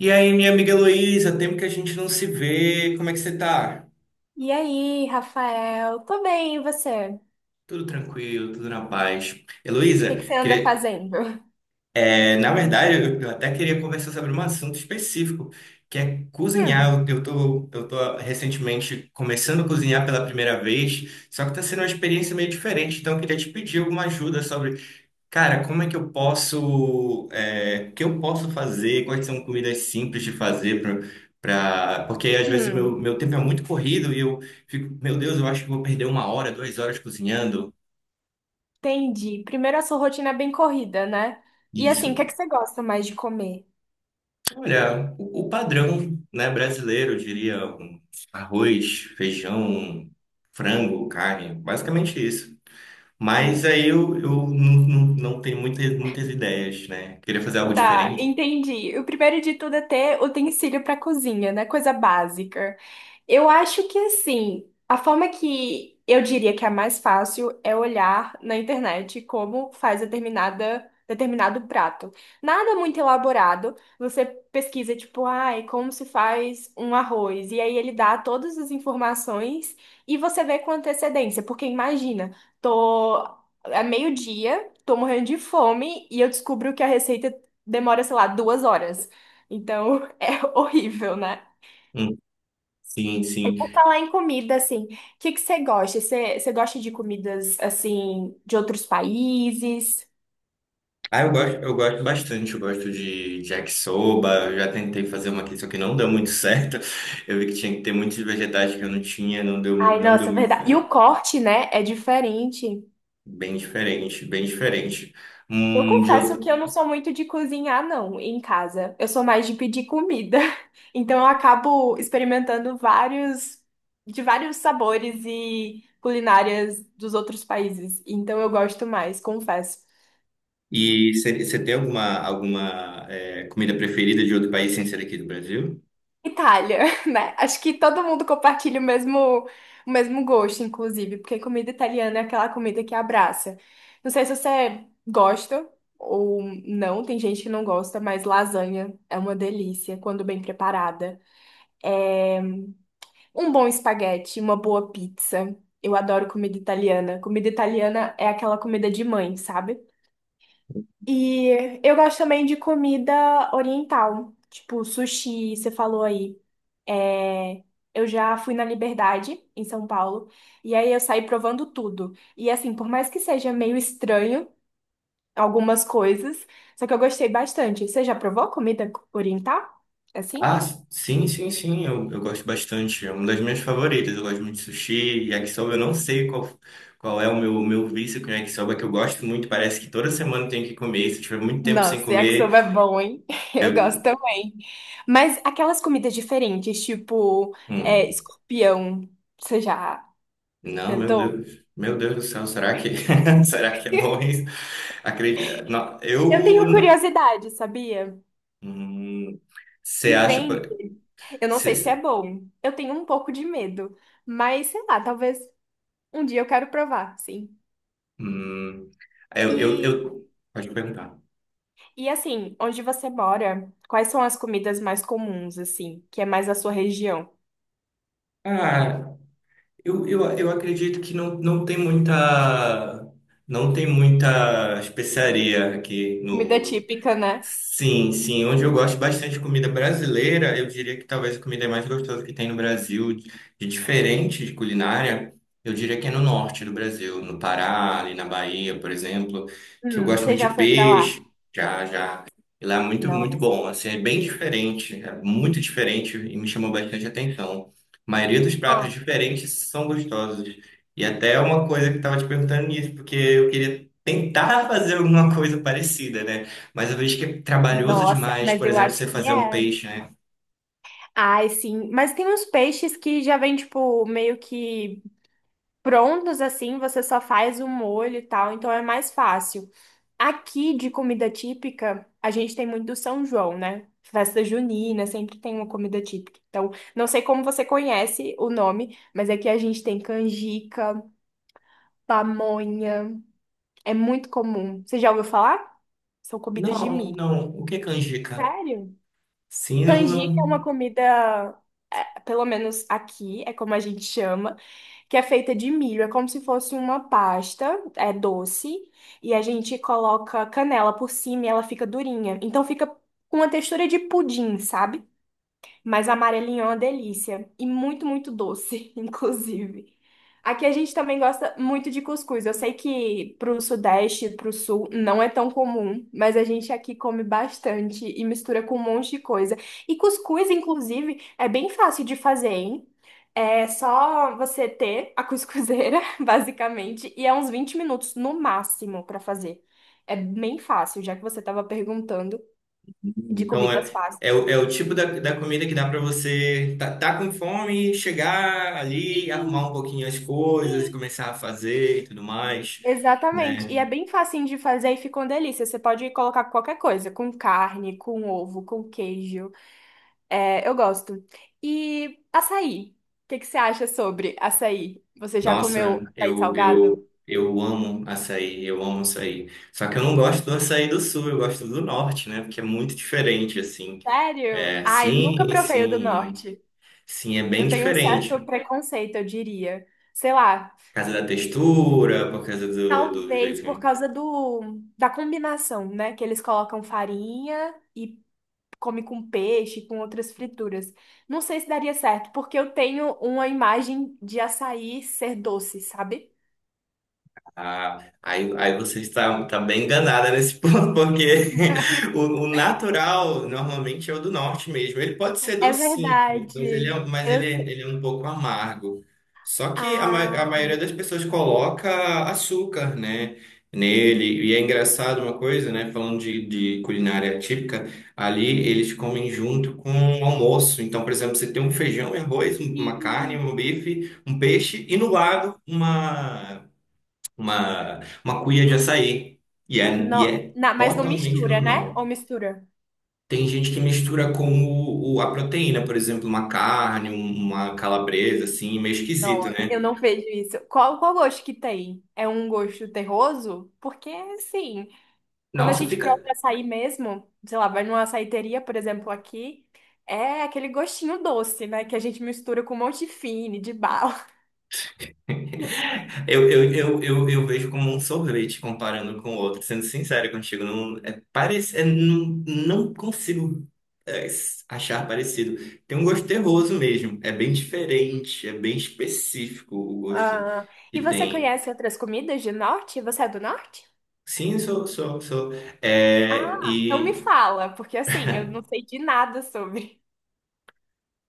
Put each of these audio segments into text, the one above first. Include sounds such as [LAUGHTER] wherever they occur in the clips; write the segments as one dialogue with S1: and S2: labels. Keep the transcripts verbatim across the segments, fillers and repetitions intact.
S1: E aí, minha amiga Heloísa, tempo que a gente não se vê, como é que você tá?
S2: E aí, Rafael? Tô bem, e você? O
S1: Tudo tranquilo, tudo na paz.
S2: que que
S1: Heloísa,
S2: você anda
S1: queria-
S2: fazendo?
S1: é, na verdade, eu, eu até queria conversar sobre um assunto específico, que é cozinhar.
S2: Hum,
S1: Eu, eu tô, eu tô recentemente começando a cozinhar pela primeira vez, só que tá sendo uma experiência meio diferente, então eu queria te pedir alguma ajuda sobre. Cara, como é que eu posso, é, o que eu posso fazer? Quais são comidas simples de fazer para, porque às vezes meu,
S2: hum,
S1: meu tempo é muito corrido e eu fico, meu Deus, eu acho que vou perder uma hora, duas horas cozinhando.
S2: entendi. Primeiro, a sua rotina é bem corrida, né? E assim, o que é
S1: Isso.
S2: que você gosta mais de comer?
S1: Olha, o, o padrão, né, brasileiro, eu diria, um arroz, feijão, frango, carne, basicamente isso. Mas aí eu, eu não, não, não tenho muitas, muitas ideias, né? Queria fazer algo
S2: Tá,
S1: diferente.
S2: entendi. O primeiro de tudo é ter utensílio para cozinha, né? Coisa básica. Eu acho que assim, a forma que eu diria que é a mais fácil é olhar na internet como faz determinada, determinado prato. Nada muito elaborado. Você pesquisa, tipo, ai, como se faz um arroz. E aí ele dá todas as informações e você vê com antecedência. Porque imagina, tô. É meio-dia, tô morrendo de fome e eu descubro que a receita demora, sei lá, duas horas. Então [LAUGHS] é horrível, né?
S1: Hum, sim,
S2: E por
S1: sim.
S2: falar em comida, assim, o que que você gosta? Você, você gosta de comidas, assim, de outros países?
S1: Ah, eu gosto, eu gosto bastante, eu gosto de de yakisoba, eu já tentei fazer uma aqui, só que não deu muito [LAUGHS] certo. Eu vi que tinha que ter muitos vegetais que eu não tinha, não deu,
S2: Ai,
S1: não deu
S2: nossa,
S1: muito
S2: verdade. E
S1: certo.
S2: o corte, né, é diferente.
S1: Bem diferente, bem diferente.
S2: Eu
S1: Hum, de
S2: confesso que eu
S1: outro...
S2: não sou muito de cozinhar, não, em casa. Eu sou mais de pedir comida. [LAUGHS] Então eu acabo experimentando vários, de vários sabores e culinárias dos outros países. Então eu gosto mais, confesso.
S1: E você tem alguma, alguma eh, comida preferida de outro país sem ser aqui do Brasil?
S2: Itália, [LAUGHS] né? Acho que todo mundo compartilha o mesmo, o mesmo gosto, inclusive, porque comida italiana é aquela comida que abraça. Não sei se você gosta ou não, tem gente que não gosta, mas lasanha é uma delícia quando bem preparada. É um bom espaguete, uma boa pizza. Eu adoro comida italiana. Comida italiana é aquela comida de mãe, sabe? E eu gosto também de comida oriental, tipo sushi, você falou aí. É, eu já fui na Liberdade, em São Paulo, e aí eu saí provando tudo. E assim, por mais que seja meio estranho algumas coisas, só que eu gostei bastante. Você já provou comida oriental? Assim?
S1: Ah, sim, sim, sim, eu, eu gosto bastante. É uma das minhas favoritas. Eu gosto muito de sushi, yakisoba. Eu não sei qual, qual é o meu, meu vício com yakisoba, que eu gosto muito. Parece que toda semana eu tenho que comer. Se eu tiver muito tempo sem
S2: Nossa,
S1: comer,
S2: yakisoba é bom, hein? [LAUGHS] Eu
S1: eu.
S2: gosto também. Mas aquelas comidas diferentes, tipo é,
S1: Hum,
S2: escorpião, você já
S1: não, meu
S2: tentou?
S1: Deus. Meu Deus do céu, será que, [LAUGHS] será que é bom isso? Acredito. Não,
S2: Eu
S1: eu.
S2: tenho
S1: não-
S2: curiosidade, sabia?
S1: Hum, Você
S2: E
S1: acha.
S2: vende. Eu não
S1: Cê,
S2: sei se é bom. Eu tenho um pouco de medo, mas sei lá, talvez um dia eu quero provar, sim.
S1: hum, eu, eu,
S2: E,
S1: eu. Pode perguntar.
S2: e assim, onde você mora, quais são as comidas mais comuns, assim, que é mais a sua região?
S1: Ah, Eu, eu, eu acredito que não, não tem muita, não tem muita especiaria aqui.
S2: Comida típica, né?
S1: Sim, sim. Onde eu gosto bastante de comida brasileira, eu diria que talvez a comida mais gostosa que tem no Brasil, de de diferente de culinária, eu diria que é no norte do Brasil, no Pará, ali na Bahia, por exemplo, que eu
S2: Hum,
S1: gosto
S2: você
S1: muito de
S2: já foi pra lá?
S1: peixe, já, já. E lá é muito, muito
S2: Nossa.
S1: bom. Assim, é bem diferente, é muito diferente e me chamou bastante atenção. A maioria dos pratos
S2: Ah,
S1: diferentes são gostosos. E até uma coisa que eu estava te perguntando nisso, porque eu queria tentar [LAUGHS] fazer alguma coisa parecida, né? Mas eu vejo que é trabalhoso
S2: nossa,
S1: demais,
S2: mas
S1: por
S2: eu
S1: exemplo, você
S2: acho que
S1: fazer um
S2: é.
S1: peixe, né?
S2: Ai, sim. Mas tem uns peixes que já vem, tipo, meio que prontos assim, você só faz o molho e tal, então é mais fácil. Aqui de comida típica, a gente tem muito do São João, né? Festa junina, sempre tem uma comida típica. Então, não sei como você conhece o nome, mas aqui a gente tem canjica, pamonha, é muito comum. Você já ouviu falar? São comidas de
S1: Não,
S2: milho.
S1: não. O que é canjica?
S2: Sério?
S1: Sim, não,
S2: Canjica é uma
S1: não.
S2: comida, é, pelo menos aqui, é como a gente chama, que é feita de milho. É como se fosse uma pasta, é doce, e a gente coloca canela por cima e ela fica durinha. Então fica com uma textura de pudim, sabe? Mas amarelinho é uma delícia. E muito, muito doce, [LAUGHS] inclusive. Aqui a gente também gosta muito de cuscuz. Eu sei que pro Sudeste, pro Sul, não é tão comum, mas a gente aqui come bastante e mistura com um monte de coisa. E cuscuz, inclusive, é bem fácil de fazer, hein? É só você ter a cuscuzeira, [LAUGHS] basicamente, e é uns vinte minutos no máximo pra fazer. É bem fácil, já que você estava perguntando de
S1: Então,
S2: comidas
S1: é, é,
S2: fáceis.
S1: o é o tipo da, da comida que dá pra você tá, tá com fome, chegar ali, arrumar
S2: Sim,
S1: um pouquinho as coisas,
S2: sim.
S1: começar a fazer e tudo mais,
S2: Exatamente.
S1: né?
S2: E é bem facinho de fazer e fica uma delícia. Você pode colocar qualquer coisa, com carne, com ovo, com queijo. É, eu gosto. E açaí. O que que você acha sobre açaí? Você já comeu
S1: Nossa,
S2: açaí
S1: eu,
S2: salgado?
S1: eu, eu amo açaí, eu amo açaí. Só que eu não gosto do açaí do sul, eu gosto do norte, né? Porque é muito diferente, assim.
S2: Sério?
S1: É,
S2: Ai, nunca
S1: sim,
S2: provei o do
S1: sim.
S2: norte.
S1: Sim, é bem
S2: Eu tenho um certo
S1: diferente.
S2: preconceito, eu diria. Sei lá,
S1: Por causa da textura, por causa do, do
S2: talvez
S1: jeito.
S2: por causa do da combinação, né? Que eles colocam farinha e come com peixe, com outras frituras. Não sei se daria certo, porque eu tenho uma imagem de açaí ser doce, sabe?
S1: Ah, aí, aí você está, está bem enganada nesse [LAUGHS] ponto, porque o, o natural normalmente é o do norte mesmo. Ele pode ser
S2: É
S1: docinho, mas ele
S2: verdade.
S1: é, mas
S2: Eu
S1: ele é,
S2: sei.
S1: ele é um pouco amargo. Só que a, ma- a
S2: Ah,
S1: maioria das pessoas coloca açúcar, né, nele. E é engraçado uma coisa, né, falando de, de culinária típica, ali eles comem junto com o almoço. Então, por exemplo, você tem um feijão e arroz, uma carne,
S2: sim.
S1: um bife, um peixe e no lado uma uma, uma cuia de açaí. E é, e
S2: Não,
S1: é
S2: na- mas não
S1: totalmente
S2: mistura, né?
S1: normal.
S2: Ou mistura?
S1: Tem gente que mistura com o, o- a proteína, por exemplo, uma carne, um, uma calabresa, assim, meio esquisito,
S2: Não, eu
S1: né?
S2: não vejo isso. Qual, qual gosto que tem? É um gosto terroso? Porque, assim, quando a
S1: Nossa,
S2: gente
S1: fica.
S2: prova açaí mesmo, sei lá, vai numa açaiteria, por exemplo, aqui, é aquele gostinho doce, né? Que a gente mistura com um monte de fine, de bala.
S1: [LAUGHS] Eu, eu, eu, eu, eu vejo como um sorvete comparando com o outro, sendo sincero contigo. Não, é, parece, é, não, não consigo é, s- achar parecido. Tem um gosto terroso mesmo. É bem diferente, é bem específico o gosto
S2: Ah, e
S1: que
S2: você
S1: tem.
S2: conhece outras comidas de norte? Você é do norte?
S1: Sim, sou, sou, sou. É,
S2: Ah, então me
S1: e,
S2: fala, porque assim, eu não sei de nada sobre.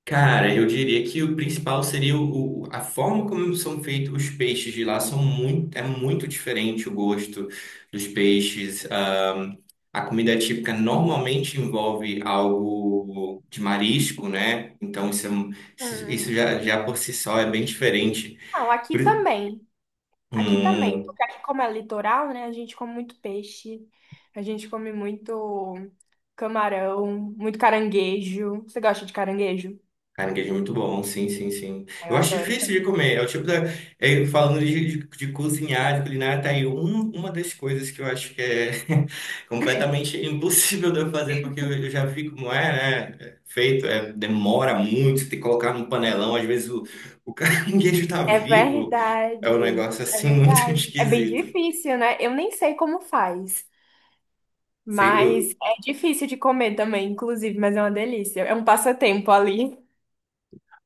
S1: cara, eu diria que o principal seria o, o- a forma como são feitos os peixes de lá são muito, é muito diferente o gosto dos peixes. Ahm, a comida típica normalmente envolve algo de marisco, né? Então isso, é um- isso
S2: Hum.
S1: já, já por si só é bem diferente.
S2: Não, aqui
S1: Por-
S2: também. Aqui também.
S1: um,
S2: Porque aqui, como é litoral, né? A gente come muito peixe, a gente come muito camarão, muito caranguejo. Você gosta de caranguejo?
S1: Caranguejo é muito bom, sim, sim, sim.
S2: Ah, eu
S1: Eu acho
S2: adoro
S1: difícil de
S2: também.
S1: comer. É o tipo da. é, falando de, de, de cozinhar, de culinária, tá aí um- uma das coisas que eu acho que é [LAUGHS] completamente impossível de eu fazer, porque eu, eu já vi como é, né? É feito, é, demora muito, tem que colocar no panelão. Às vezes o, o [LAUGHS] caranguejo tá
S2: É
S1: vivo. É um
S2: verdade.
S1: negócio
S2: É
S1: assim muito [LAUGHS]
S2: verdade. É bem
S1: esquisito.
S2: difícil, né? Eu nem sei como faz.
S1: Sei,
S2: Mas
S1: eu,
S2: é difícil de comer também, inclusive, mas é uma delícia. É um passatempo ali.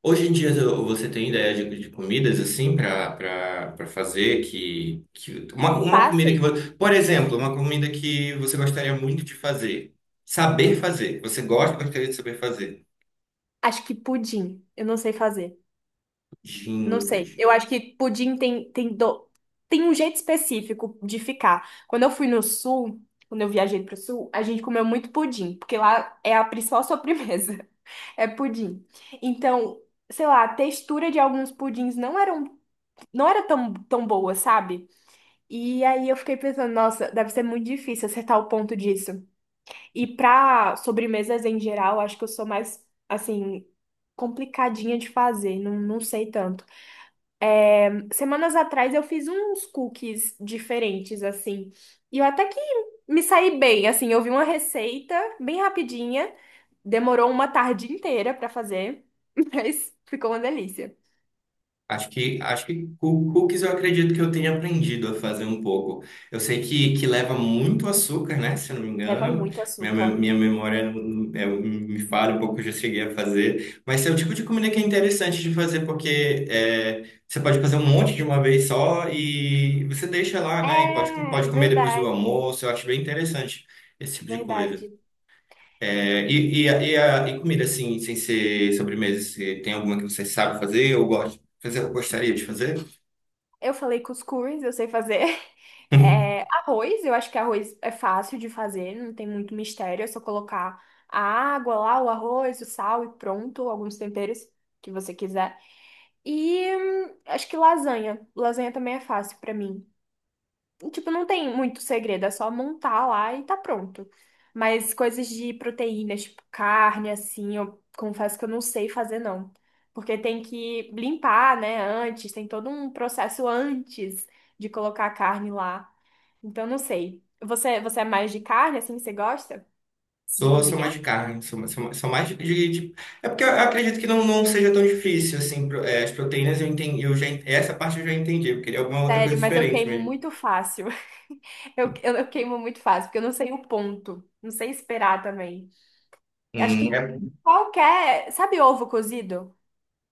S1: Hoje em dia você tem ideia de, de comidas assim para para fazer que, que uma, uma comida que
S2: Passei.
S1: você, por exemplo, uma comida que você gostaria muito de fazer, saber fazer, você gosta, gostaria de saber fazer.
S2: Acho que pudim. Eu não sei fazer. Não
S1: Pudim,
S2: sei.
S1: pudim.
S2: Eu acho que pudim tem, tem, do... tem um jeito específico de ficar. Quando eu fui no sul, quando eu viajei pro sul, a gente comeu muito pudim, porque lá é a principal sobremesa. [LAUGHS] É pudim. Então, sei lá, a textura de alguns pudins não eram, não era tão, tão boa, sabe? E aí eu fiquei pensando, nossa, deve ser muito difícil acertar o ponto disso. E pra sobremesas em geral, acho que eu sou mais, assim, complicadinha de fazer, não, não sei tanto. Semanas atrás eu fiz uns cookies diferentes, assim, e eu até que me saí bem, assim, eu vi uma receita bem rapidinha, demorou uma tarde inteira pra fazer, [LAUGHS] mas ficou uma delícia.
S1: Acho que, acho que cu- cookies eu acredito que eu tenha aprendido a fazer um pouco. Eu sei que, que leva muito açúcar, né? Se eu não me
S2: Leva
S1: engano,
S2: muito
S1: minha, me-
S2: açúcar.
S1: minha memória não- não- é, me falha um pouco, eu já cheguei a fazer. Mas esse é o tipo de comida que é interessante de fazer, porque é, você pode fazer um monte de uma vez só e você deixa lá, né? E pode,
S2: É,
S1: pode comer depois do
S2: verdade,
S1: almoço. Eu acho bem interessante esse tipo de coisa.
S2: verdade.
S1: É, e, e, a- e, a- e comida, assim, sem ser sobremesa, você tem alguma que você sabe fazer ou gosta, fazer, gostaria de fazer?
S2: Eu falei cuscuz, eu sei fazer. [LAUGHS]
S1: [LAUGHS]
S2: É, arroz, eu acho que arroz é fácil de fazer, não tem muito mistério, é só colocar a água lá, o arroz, o sal e pronto, alguns temperos que você quiser. E hum, acho que lasanha. Lasanha também é fácil pra mim. Tipo, não tem muito segredo, é só montar lá e tá pronto. Mas coisas de proteínas, tipo carne, assim, eu confesso que eu não sei fazer, não. Porque tem que limpar, né, antes, tem todo um processo antes de colocar a carne lá. Então, não sei. Você, você é mais de carne, assim, você gosta de
S1: Sou, sou mais
S2: cozinhar?
S1: de carne, sou, sou, sou mais de, de- de- é porque eu acredito que não, não seja tão difícil, assim, pro- é, as proteínas eu entendi, eu já, en- essa parte eu já entendi, eu queria alguma outra coisa
S2: Sério, mas eu
S1: diferente
S2: queimo
S1: mesmo.
S2: muito fácil. [LAUGHS] Eu, eu, eu queimo muito fácil, porque eu não sei o ponto. Não sei esperar também. Acho
S1: Hum,
S2: que
S1: é,
S2: qualquer. Sabe ovo cozido?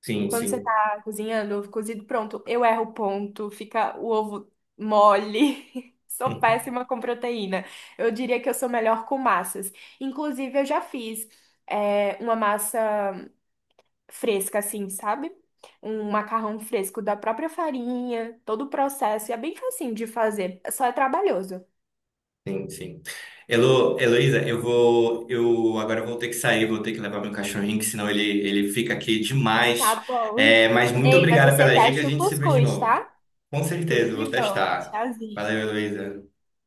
S1: sim,
S2: Quando você
S1: sim.
S2: tá cozinhando, ovo cozido, pronto, eu erro o ponto, fica o ovo mole. [LAUGHS] Sou péssima com proteína. Eu diria que eu sou melhor com massas. Inclusive, eu já fiz é, uma massa fresca, assim, sabe? Um macarrão fresco da própria farinha, todo o processo. E é bem facinho de fazer, só é trabalhoso.
S1: Sim, sim. Elo, Heloísa, eu vou, eu agora eu vou ter que sair, vou ter que levar meu cachorrinho, que senão ele, ele fica aqui
S2: Tá
S1: demais.
S2: bom.
S1: É,
S2: [LAUGHS]
S1: mas muito
S2: Ei, mas
S1: obrigada
S2: você
S1: pelas dicas, a
S2: teste o
S1: gente se vê de
S2: cuscuz,
S1: novo.
S2: tá?
S1: Com
S2: Tudo
S1: certeza, eu vou
S2: de bom.
S1: testar.
S2: Tchauzinho.
S1: Valeu, Heloísa.